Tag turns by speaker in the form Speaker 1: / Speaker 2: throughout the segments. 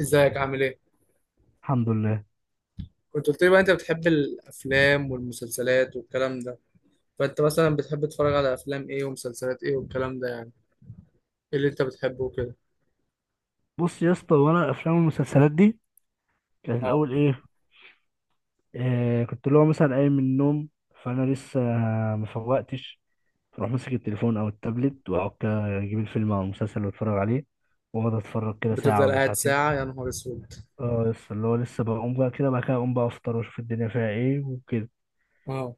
Speaker 1: ازيك؟ عامل ايه؟
Speaker 2: الحمد لله.
Speaker 1: كنت قلت لي بقى انت بتحب الافلام والمسلسلات والكلام ده، فانت مثلا بتحب تتفرج على افلام ايه ومسلسلات ايه والكلام ده؟ يعني ايه اللي انت بتحبه وكده؟
Speaker 2: بص يا اسطى، وانا افلام المسلسلات دي كانت
Speaker 1: اه.
Speaker 2: الاول ايه؟ آه، كنت اللي هو مثلا قايم من النوم، فانا لسه ما فوقتش. فاروح ماسك التليفون او التابلت، واقعد كده اجيب الفيلم او المسلسل واتفرج عليه. واقعد اتفرج كده ساعه
Speaker 1: بتفضل
Speaker 2: ولا
Speaker 1: قاعد
Speaker 2: ساعتين.
Speaker 1: ساعة يا نهار اسود؟
Speaker 2: اه، لسه اللي هو لسه بقوم بقى، كده بعد كده اقوم بقى افطر واشوف الدنيا فيها ايه وكده.
Speaker 1: اه.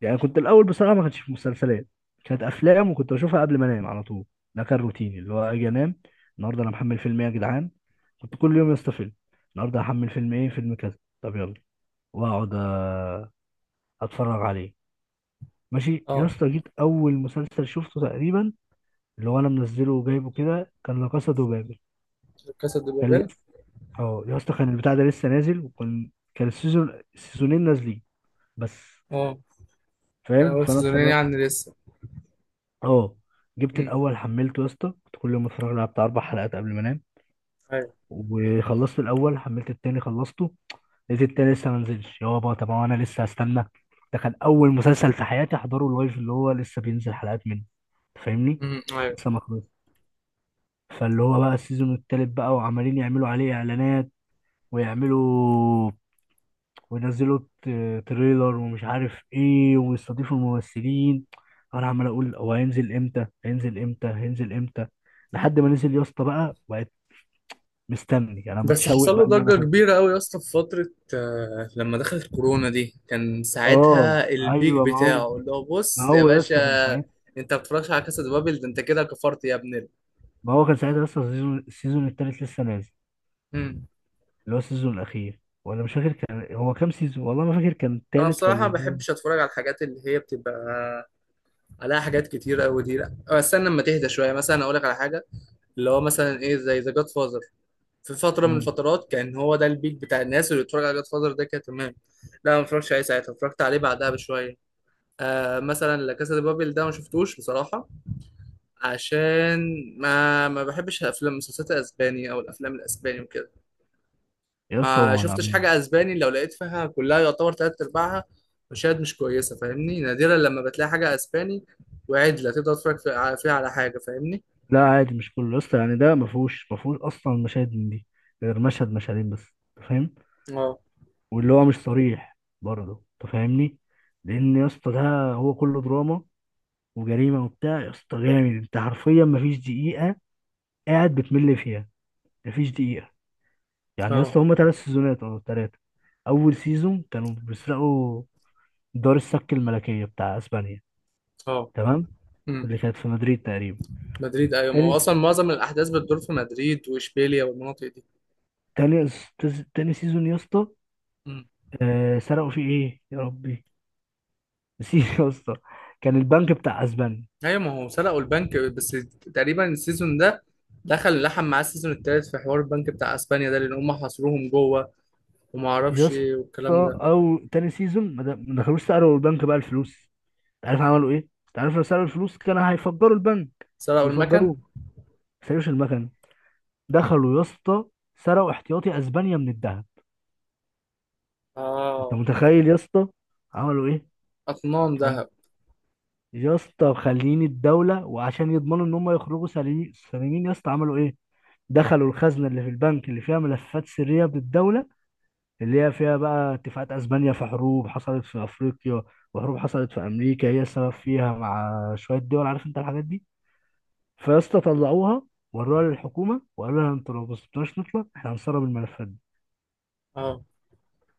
Speaker 2: يعني كنت الاول بصراحه ما كانتش في مسلسلات، كانت افلام، وكنت بشوفها قبل ما انام على طول. ده كان روتيني، اللي هو اجي انام، النهارده انا محمل فيلم ايه يا جدعان. كنت كل يوم يا اسطى فيلم. النهارده هحمل فيلم ايه، فيلم كذا، طب يلا، واقعد اتفرج عليه. ماشي يا
Speaker 1: اه.
Speaker 2: اسطى، جيت اول مسلسل شفته تقريبا، اللي هو انا منزله وجايبه كده، كان لا كاسا دو بابل.
Speaker 1: كاسا دي
Speaker 2: كان
Speaker 1: بابيل.
Speaker 2: لسه، اه يا اسطى، كان البتاع ده لسه نازل، وكان كان السيزونين نازلين بس.
Speaker 1: اه، كان
Speaker 2: فاهم،
Speaker 1: اول
Speaker 2: فانا
Speaker 1: سيزونين
Speaker 2: اتفرجت.
Speaker 1: يعني لسه.
Speaker 2: اه، جبت
Speaker 1: امم،
Speaker 2: الاول، حملته يا اسطى، كنت كل يوم اتفرج على بتاع اربع حلقات قبل ما انام،
Speaker 1: ايوه.
Speaker 2: وخلصت الاول، حملت التاني، خلصته. لقيت التاني لسه ما نزلش. يابا، طب هو انا لسه هستنى؟ ده كان اول مسلسل في حياتي احضره اللايف، اللي هو لسه بينزل حلقات منه. أنت فاهمني،
Speaker 1: امم، ايوه.
Speaker 2: لسه ما خلصش. فاللي هو بقى السيزون التالت بقى، وعمالين يعملوا عليه اعلانات، ويعملوا، وينزلوا تريلر، ومش عارف ايه، ويستضيفوا الممثلين. انا عمال اقول هو هينزل امتى، هينزل امتى، هينزل امتى، لحد ما نزل يا اسطى. بقى بقيت مستني، انا
Speaker 1: بس
Speaker 2: متشوق
Speaker 1: حصل له
Speaker 2: بقى ان انا
Speaker 1: ضجة
Speaker 2: اخد.
Speaker 1: كبيرة قوي يا اسطى في فترة، لما دخلت كورونا دي كان
Speaker 2: اه،
Speaker 1: ساعتها البيك
Speaker 2: ايوه، ما هو،
Speaker 1: بتاعه اللي هو
Speaker 2: ما
Speaker 1: بص يا
Speaker 2: هو يا
Speaker 1: باشا.
Speaker 2: اسطى كان ساعتها،
Speaker 1: انت ما بتتفرجش على كاسا دي بابل ده؟ انت كده كفرت يا ابن.
Speaker 2: ما هو كان ساعتها يا اسطى السيزون التالت لسه نازل،
Speaker 1: امم.
Speaker 2: اللي هو السيزون الاخير، ولا مش فاكر كان هو كام سيزون. والله ما فاكر كان
Speaker 1: انا
Speaker 2: التالت
Speaker 1: بصراحه ما
Speaker 2: ولا هو.
Speaker 1: بحبش اتفرج على الحاجات اللي هي بتبقى عليها حاجات كتير قوي دي، لا استنى لما تهدى شويه مثلا اقول لك على حاجه. اللي هو مثلا ايه زي ذا جاد فازر، في فتره من
Speaker 2: مم.
Speaker 1: الفترات كان هو ده البيك بتاع الناس اللي بتتفرج على جاد فازر، ده كان تمام. لا ما اتفرجتش عليه ساعتها، اتفرجت عليه بعدها بشويه. آه مثلا لا كاسا دي بابل ده ما شفتوش بصراحه، عشان ما بحبش الافلام المسلسلات الاسباني او الافلام الاسباني وكده.
Speaker 2: يا اسطى هو
Speaker 1: ما شفتش
Speaker 2: ملعب.
Speaker 1: حاجة اسباني لو لقيت فيها كلها يعتبر تلات ارباعها مشاهد مش كويسة، فاهمني؟ نادرا لما بتلاقي حاجة اسباني وعدلة تقدر تتفرج فيها على حاجة، فاهمني؟
Speaker 2: لا، عادي، مش كله يا اسطى، يعني ده ما فيهوش اصلا مشاهد من دي، غير مشهد مشهدين بس. انت فاهم،
Speaker 1: اه.
Speaker 2: واللي هو مش صريح برضه، انت فاهمني. لان يا اسطى ده هو كله دراما وجريمه وبتاع، يا اسطى جامد. انت حرفيا ما فيش دقيقه قاعد بتمل فيها. ما فيش دقيقه. يعني يا
Speaker 1: اه.
Speaker 2: اسطى هما ثلاث سيزونات او ثلاثه. اول سيزون كانوا بيسرقوا دار السك الملكيه بتاع اسبانيا،
Speaker 1: اه.
Speaker 2: تمام،
Speaker 1: امم.
Speaker 2: اللي كانت في مدريد تقريبا.
Speaker 1: مدريد، ايوه، ما
Speaker 2: تاني
Speaker 1: هو اصلا معظم الاحداث بتدور في مدريد واشبيليا والمناطق دي.
Speaker 2: تاني تاني سيزون يا اسطى،
Speaker 1: امم.
Speaker 2: سرقوا فيه ايه يا ربي؟ نسيت يا اسطى. كان البنك بتاع اسبانيا.
Speaker 1: ايوه ما هو سرقوا البنك بس. تقريبا السيزون ده دخل لحم معاه السيزون التالت في حوار البنك بتاع اسبانيا ده، لان هم حاصروهم جوه وما
Speaker 2: يا
Speaker 1: اعرفش
Speaker 2: اسطى،
Speaker 1: ايه والكلام ده.
Speaker 2: او تاني سيزون، ما دخلوش سألوا البنك بقى الفلوس. انت عارف عملوا ايه؟ انت عارف لو سألوا الفلوس كان هيفجروا البنك
Speaker 1: سرقوا المكن.
Speaker 2: ويفجروه. ما سالوش المكنه. دخلوا يا اسطى، سرقوا احتياطي اسبانيا من الذهب. انت
Speaker 1: اه.
Speaker 2: متخيل يا اسطى عملوا ايه؟
Speaker 1: اطنان
Speaker 2: كان،
Speaker 1: ذهب.
Speaker 2: يا اسطى خليني، الدوله وعشان يضمنوا ان هم يخرجوا سليمين سليمين، يا اسطى عملوا ايه؟ دخلوا الخزنه اللي في البنك، اللي فيها ملفات سريه بالدوله، اللي هي فيها بقى اتفاقات اسبانيا في حروب حصلت في افريقيا، وحروب حصلت في امريكا هي السبب فيها، مع شويه دول، عارف انت الحاجات دي. فيا اسطى طلعوها، وروها للحكومه وقالوا لها انتوا لو ما سبتوناش نطلع، احنا هنسرب الملفات دي.
Speaker 1: اه.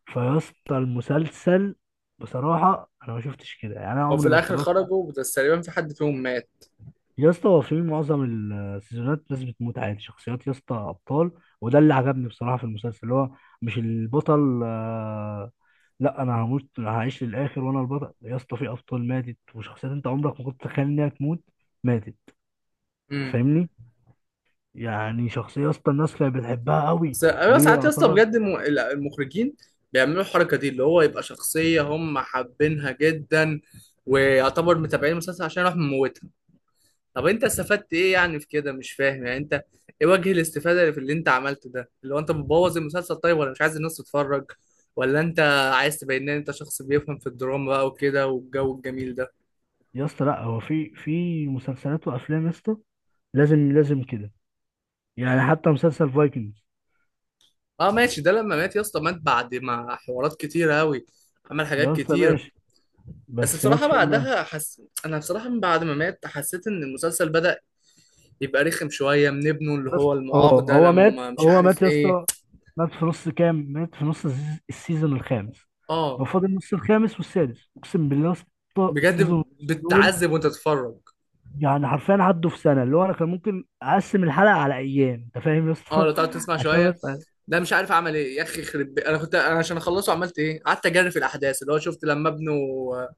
Speaker 2: فيا اسطى المسلسل، بصراحه انا ما شفتش كده، يعني انا
Speaker 1: هو في
Speaker 2: عمري ما
Speaker 1: الاخر
Speaker 2: اتفرجت.
Speaker 1: خرجوا، بس تقريبا في حد فيهم مات.
Speaker 2: يا اسطى هو في معظم السيزونات ناس بتموت عادي، شخصيات يا اسطى ابطال. وده اللي عجبني بصراحه في المسلسل، اللي هو مش البطل لا، انا هموت، هعيش للاخر وانا البطل. يا اسطى في ابطال ماتت، وشخصيات انت عمرك ما كنت تتخيل انها تموت ماتت.
Speaker 1: امم.
Speaker 2: فاهمني؟ يعني شخصيه يا اسطى الناس كانت بتحبها قوي،
Speaker 1: بس انا
Speaker 2: وهي
Speaker 1: ساعات يا اسطى
Speaker 2: يعتبر،
Speaker 1: بجد المخرجين بيعملوا الحركه دي، اللي هو يبقى شخصيه هم حابينها جدا ويعتبر متابعين المسلسل عشان يروح مموتها. طب انت استفدت ايه يعني في كده؟ مش فاهم يعني انت ايه وجه الاستفاده اللي في اللي انت عملته ده، اللي هو انت بتبوظ المسلسل؟ طيب ولا مش عايز الناس تتفرج؟ ولا انت عايز تبين ان انت شخص بيفهم في الدراما بقى وكده والجو الجميل ده؟
Speaker 2: يا اسطى، لا، هو في مسلسلات وافلام، يا اسطى لازم لازم كده. يعني حتى مسلسل فايكنجز،
Speaker 1: اه ماشي، ده لما مات يا اسطى مات بعد ما حوارات كتير قوي، عمل حاجات
Speaker 2: يا اسطى
Speaker 1: كتير.
Speaker 2: ماشي،
Speaker 1: بس
Speaker 2: بس مات
Speaker 1: بصراحة
Speaker 2: فين بقى؟
Speaker 1: بعدها أنا بصراحة من بعد ما مات حسيت إن المسلسل بدأ يبقى رخم شوية من ابنه اللي
Speaker 2: بس
Speaker 1: هو
Speaker 2: اه،
Speaker 1: المعاق ده
Speaker 2: هو مات،
Speaker 1: لما مش
Speaker 2: هو
Speaker 1: عارف
Speaker 2: مات يا
Speaker 1: إيه.
Speaker 2: اسطى، مات في نص كام، مات في نص السيزون الخامس.
Speaker 1: آه.
Speaker 2: هو فاضل نص الخامس والسادس. اقسم بالله يا اسطى السيزون
Speaker 1: بجد
Speaker 2: ونص دول،
Speaker 1: بتتعذب وأنت تتفرج.
Speaker 2: يعني حرفيا عدوا في سنه. اللي هو انا كان ممكن اقسم الحلقه على ايام، انت فاهم يا
Speaker 1: آه،
Speaker 2: اسطى
Speaker 1: لو تقعد تسمع
Speaker 2: عشان
Speaker 1: شوية
Speaker 2: بس.
Speaker 1: ده مش عارف أعمل إيه يا أخي، أنا كنت، أنا عشان أخلصه عملت إيه؟ قعدت أجري في الأحداث، اللي هو شفت لما ابنه، آه،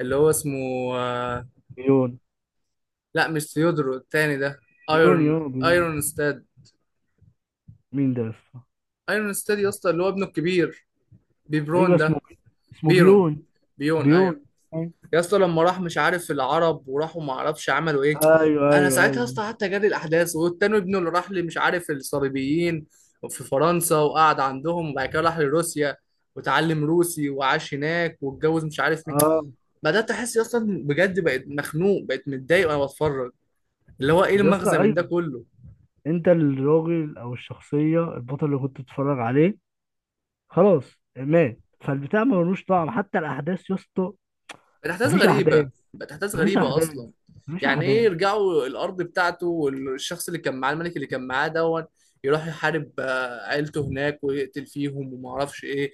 Speaker 1: اللي هو اسمه، آه،
Speaker 2: بيون
Speaker 1: لا مش ثيودرو التاني ده،
Speaker 2: بيون
Speaker 1: ايرون
Speaker 2: يون بيون
Speaker 1: ايرون ستاد.
Speaker 2: مين ده يا اسطى؟
Speaker 1: ايرون ستاد يا اسطى، اللي هو ابنه الكبير،
Speaker 2: ايوه،
Speaker 1: بيبرون
Speaker 2: اسمه
Speaker 1: ده.
Speaker 2: اسمه
Speaker 1: بيرون.
Speaker 2: بيون،
Speaker 1: بيون، ايوه.
Speaker 2: بيون، ايوه،
Speaker 1: يا اسطى لما راح مش عارف العرب وراحوا، ما اعرفش عملوا ايه.
Speaker 2: ايوه،
Speaker 1: انا
Speaker 2: ايوه،
Speaker 1: ساعتها يا
Speaker 2: أيوة.
Speaker 1: اسطى قعدت اجري الاحداث، والتاني ابنه اللي راح لي مش عارف الصليبيين في فرنسا، وقعد عندهم وبعد كده راح لروسيا وتعلم روسي وعاش هناك واتجوز مش عارف مين.
Speaker 2: اه
Speaker 1: بدات احس اصلا، بجد بقيت مخنوق، بقيت متضايق وانا بتفرج، اللي هو ايه
Speaker 2: يا اسطى،
Speaker 1: المغزى من ده
Speaker 2: ايوه.
Speaker 1: كله؟
Speaker 2: انت الراجل او الشخصيه البطل اللي كنت بتتفرج عليه خلاص مات، فالبتاع ملوش طعم، حتى الاحداث يا اسطى.
Speaker 1: بقت احداث
Speaker 2: مفيش
Speaker 1: غريبه.
Speaker 2: احداث،
Speaker 1: بقت احداث
Speaker 2: مفيش
Speaker 1: غريبه
Speaker 2: احداث،
Speaker 1: اصلا.
Speaker 2: مفيش
Speaker 1: يعني ايه
Speaker 2: احداث.
Speaker 1: يرجعوا الارض بتاعته، والشخص اللي كان معاه الملك اللي كان معاه دون يروح يحارب عيلته هناك ويقتل فيهم وما اعرفش ايه،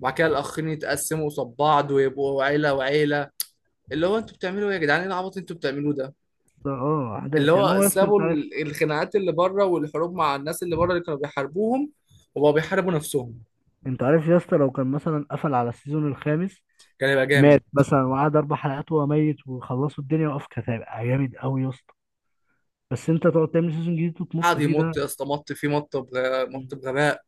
Speaker 1: وبعد كده الاخرين يتقسموا قصاد بعض ويبقوا عيله وعيله؟ اللي هو انتوا بتعملوا ايه يا جدعان؟ ايه العبط اللي انتوا بتعملوه ده؟
Speaker 2: اه،
Speaker 1: اللي
Speaker 2: احداث يعني،
Speaker 1: هو
Speaker 2: هو يا اسطى
Speaker 1: سابوا
Speaker 2: انت عارف،
Speaker 1: الخناقات اللي بره والحروب مع الناس اللي بره اللي كانوا بيحاربوهم، وبقوا بيحاربوا نفسهم.
Speaker 2: انت عارف يا اسطى لو كان مثلا قفل على السيزون الخامس،
Speaker 1: كان يبقى جامد.
Speaker 2: مات مثلا وقعد اربع حلقات وهو ميت وخلصوا الدنيا وقف، كانت هيبقى جامد قوي يا اسطى. بس انت تقعد تعمل سيزون جديد وتمط
Speaker 1: قعد
Speaker 2: فيه
Speaker 1: يمط
Speaker 2: ده.
Speaker 1: يا اسطى، مط فيه، مط
Speaker 2: مم.
Speaker 1: بغباء.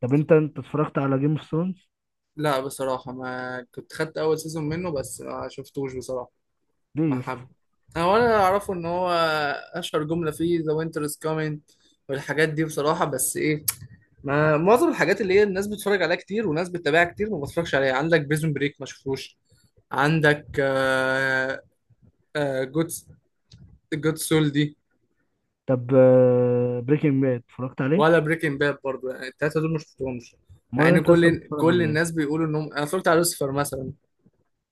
Speaker 2: طب انت اتفرجت على جيم اوف ثرونز؟
Speaker 1: لا بصراحة ما كنت، خدت أول سيزون منه بس ما شفتوش بصراحة.
Speaker 2: ليه
Speaker 1: ما
Speaker 2: يا اسطى؟
Speaker 1: حب، أنا ولا أعرفه، إن هو أشهر جملة فيه The winter is coming والحاجات دي بصراحة، بس إيه؟ ما معظم الحاجات اللي هي الناس بتتفرج عليها كتير وناس بتتابعها كتير ما بتفرجش عليها. عندك بريزون بريك ما شفتوش، عندك جود، جود سول دي،
Speaker 2: طب بريكنج باد اتفرجت عليه؟
Speaker 1: ولا بريكنج باد برضه، يعني التلاتة دول ما شفتهمش، مع
Speaker 2: امال
Speaker 1: إن
Speaker 2: انت لسه
Speaker 1: كل
Speaker 2: بتتفرج
Speaker 1: كل
Speaker 2: على
Speaker 1: الناس
Speaker 2: ايه؟
Speaker 1: بيقولوا إنهم. أنا اتفرجت على لوسيفر مثلا.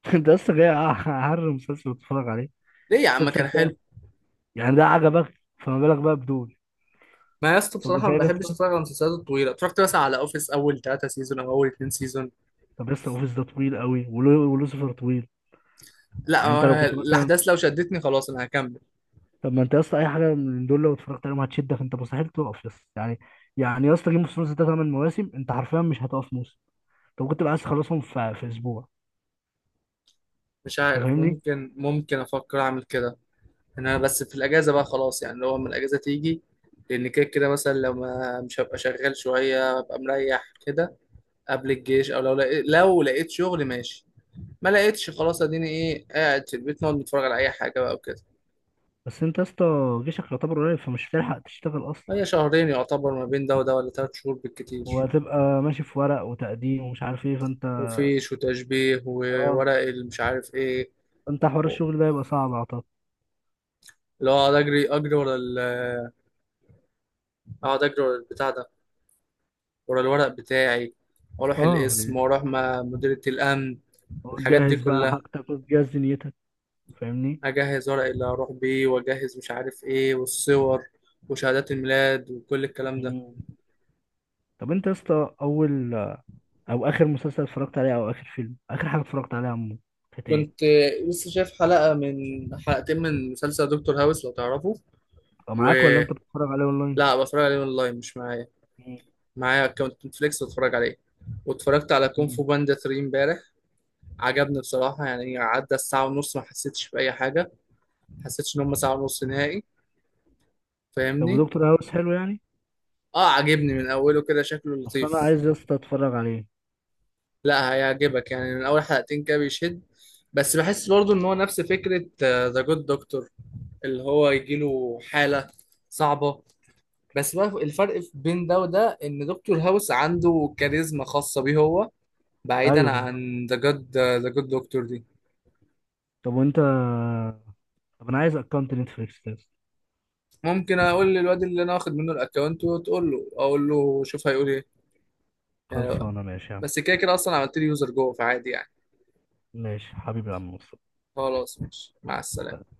Speaker 2: انت لسه جاي اعرف مسلسل بتتفرج عليه،
Speaker 1: ليه يا عم؟
Speaker 2: مسلسل
Speaker 1: كان
Speaker 2: تاني.
Speaker 1: حلو.
Speaker 2: يعني ده عجبك، فما بالك بقى بدول؟
Speaker 1: ما يا اسطى
Speaker 2: طب
Speaker 1: بصراحة ما
Speaker 2: تخيل
Speaker 1: بحبش
Speaker 2: لسه.
Speaker 1: اتفرج على المسلسلات الطويلة، اتفرجت مثلا على اوفيس اول ثلاثة سيزون او اول اتنين سيزون.
Speaker 2: طب لسه اوفيس ده طويل قوي، ولوسيفر طويل.
Speaker 1: لا
Speaker 2: يعني
Speaker 1: هو
Speaker 2: انت لو
Speaker 1: أنا
Speaker 2: كنت مثلا،
Speaker 1: الاحداث لو شدتني خلاص انا هكمل.
Speaker 2: طب ما انت يا اسطى اي حاجه من دول لو اتفرجت عليهم هتشدك، انت مستحيل تقف يا اسطى يعني. يعني يا اسطى جيم اوف ثرونز ده ثمان مواسم، انت حرفيا مش هتقف موسم. طب كنت بقى عايز تخلصهم في اسبوع؟
Speaker 1: مش
Speaker 2: انت
Speaker 1: عارف،
Speaker 2: فاهمني.
Speaker 1: ممكن افكر اعمل كده، إن انا بس في الاجازة بقى خلاص، يعني لو لما الاجازة تيجي، لان كده كده مثلا لو ما مش هبقى شغال شوية ابقى مريح كده قبل الجيش، او لو لقيت، لو لقيت شغل ماشي، ما لقيتش خلاص، اديني ايه قاعد في البيت نقعد نتفرج على اي حاجة بقى وكده.
Speaker 2: بس انت يا اسطى جيشك يعتبر قريب، فمش هتلحق تشتغل اصلا.
Speaker 1: هي شهرين يعتبر ما بين ده وده، ولا ثلاث شهور بالكتير.
Speaker 2: وهتبقى ماشي في ورق وتقديم، ومش عارف ايه.
Speaker 1: وفيش وتشبيه
Speaker 2: اه
Speaker 1: وورق المش عارف ايه.
Speaker 2: فانت حوار
Speaker 1: و-
Speaker 2: الشغل ده يبقى صعب اعتقد.
Speaker 1: اللي هو اقعد اجري، اجري ورا ال اقعد اجري ورا البتاع ده، ورا الورق بتاعي، واروح
Speaker 2: اه
Speaker 1: القسم
Speaker 2: يعني،
Speaker 1: واروح مع مديرية الامن. الحاجات دي
Speaker 2: وتجهز بقى
Speaker 1: كلها،
Speaker 2: حاجتك، وتجهز دنيتك. فاهمني.
Speaker 1: اجهز ورق اللي هروح بيه، واجهز مش عارف ايه، والصور وشهادات الميلاد وكل الكلام ده.
Speaker 2: مم. طب انت يا اسطى اول، او اخر مسلسل اتفرجت عليه، او اخر فيلم، اخر حاجه اتفرجت عليها عمو، كانت
Speaker 1: كنت
Speaker 2: ايه؟
Speaker 1: لسه شايف حلقة من، حلقتين من مسلسل دكتور هاوس، لو تعرفه.
Speaker 2: او معاك ولا
Speaker 1: ولا
Speaker 2: انت بتتفرج عليه اونلاين؟
Speaker 1: بتفرج عليه اونلاين؟ مش معايا،
Speaker 2: مم.
Speaker 1: معايا اكونت نتفليكس بتفرج عليه. واتفرجت على كونغ فو
Speaker 2: مم.
Speaker 1: باندا 3 امبارح. عجبني بصراحة، يعني عدى الساعة ونص ما حسيتش بأي حاجة، ما حسيتش إن هم ساعة ونص نهائي،
Speaker 2: طب
Speaker 1: فاهمني؟
Speaker 2: ودكتور هاوس حلو يعني؟
Speaker 1: اه عجبني من أوله كده، شكله
Speaker 2: اصل انا
Speaker 1: لطيف.
Speaker 2: عايز يا اسطى اتفرج عليه.
Speaker 1: لا هيعجبك، يعني من أول حلقتين كده بيشد. بس بحس برضو إن هو نفس فكرة ذا جود دكتور، اللي هو يجيله حالة صعبة، بس بقى الفرق بين ده وده إن دكتور هاوس عنده كاريزما خاصة بيه هو، بعيدا
Speaker 2: ايوه بالظبط.
Speaker 1: عن ذا جود دكتور دي.
Speaker 2: طب وانت، طب انا عايز اكونت نتفليكس ده.
Speaker 1: ممكن اقول للواد اللي انا واخد منه الاكونت وتقول له، اقول له شوف هيقول ايه. يعني
Speaker 2: خلصانه ماشي يا عم.
Speaker 1: بس كده كده اصلا عملت لي يوزر جوه فعادي يعني.
Speaker 2: ماشي حبيبي يا عم مصطفى.
Speaker 1: خلاص ماشي، مع السلامه.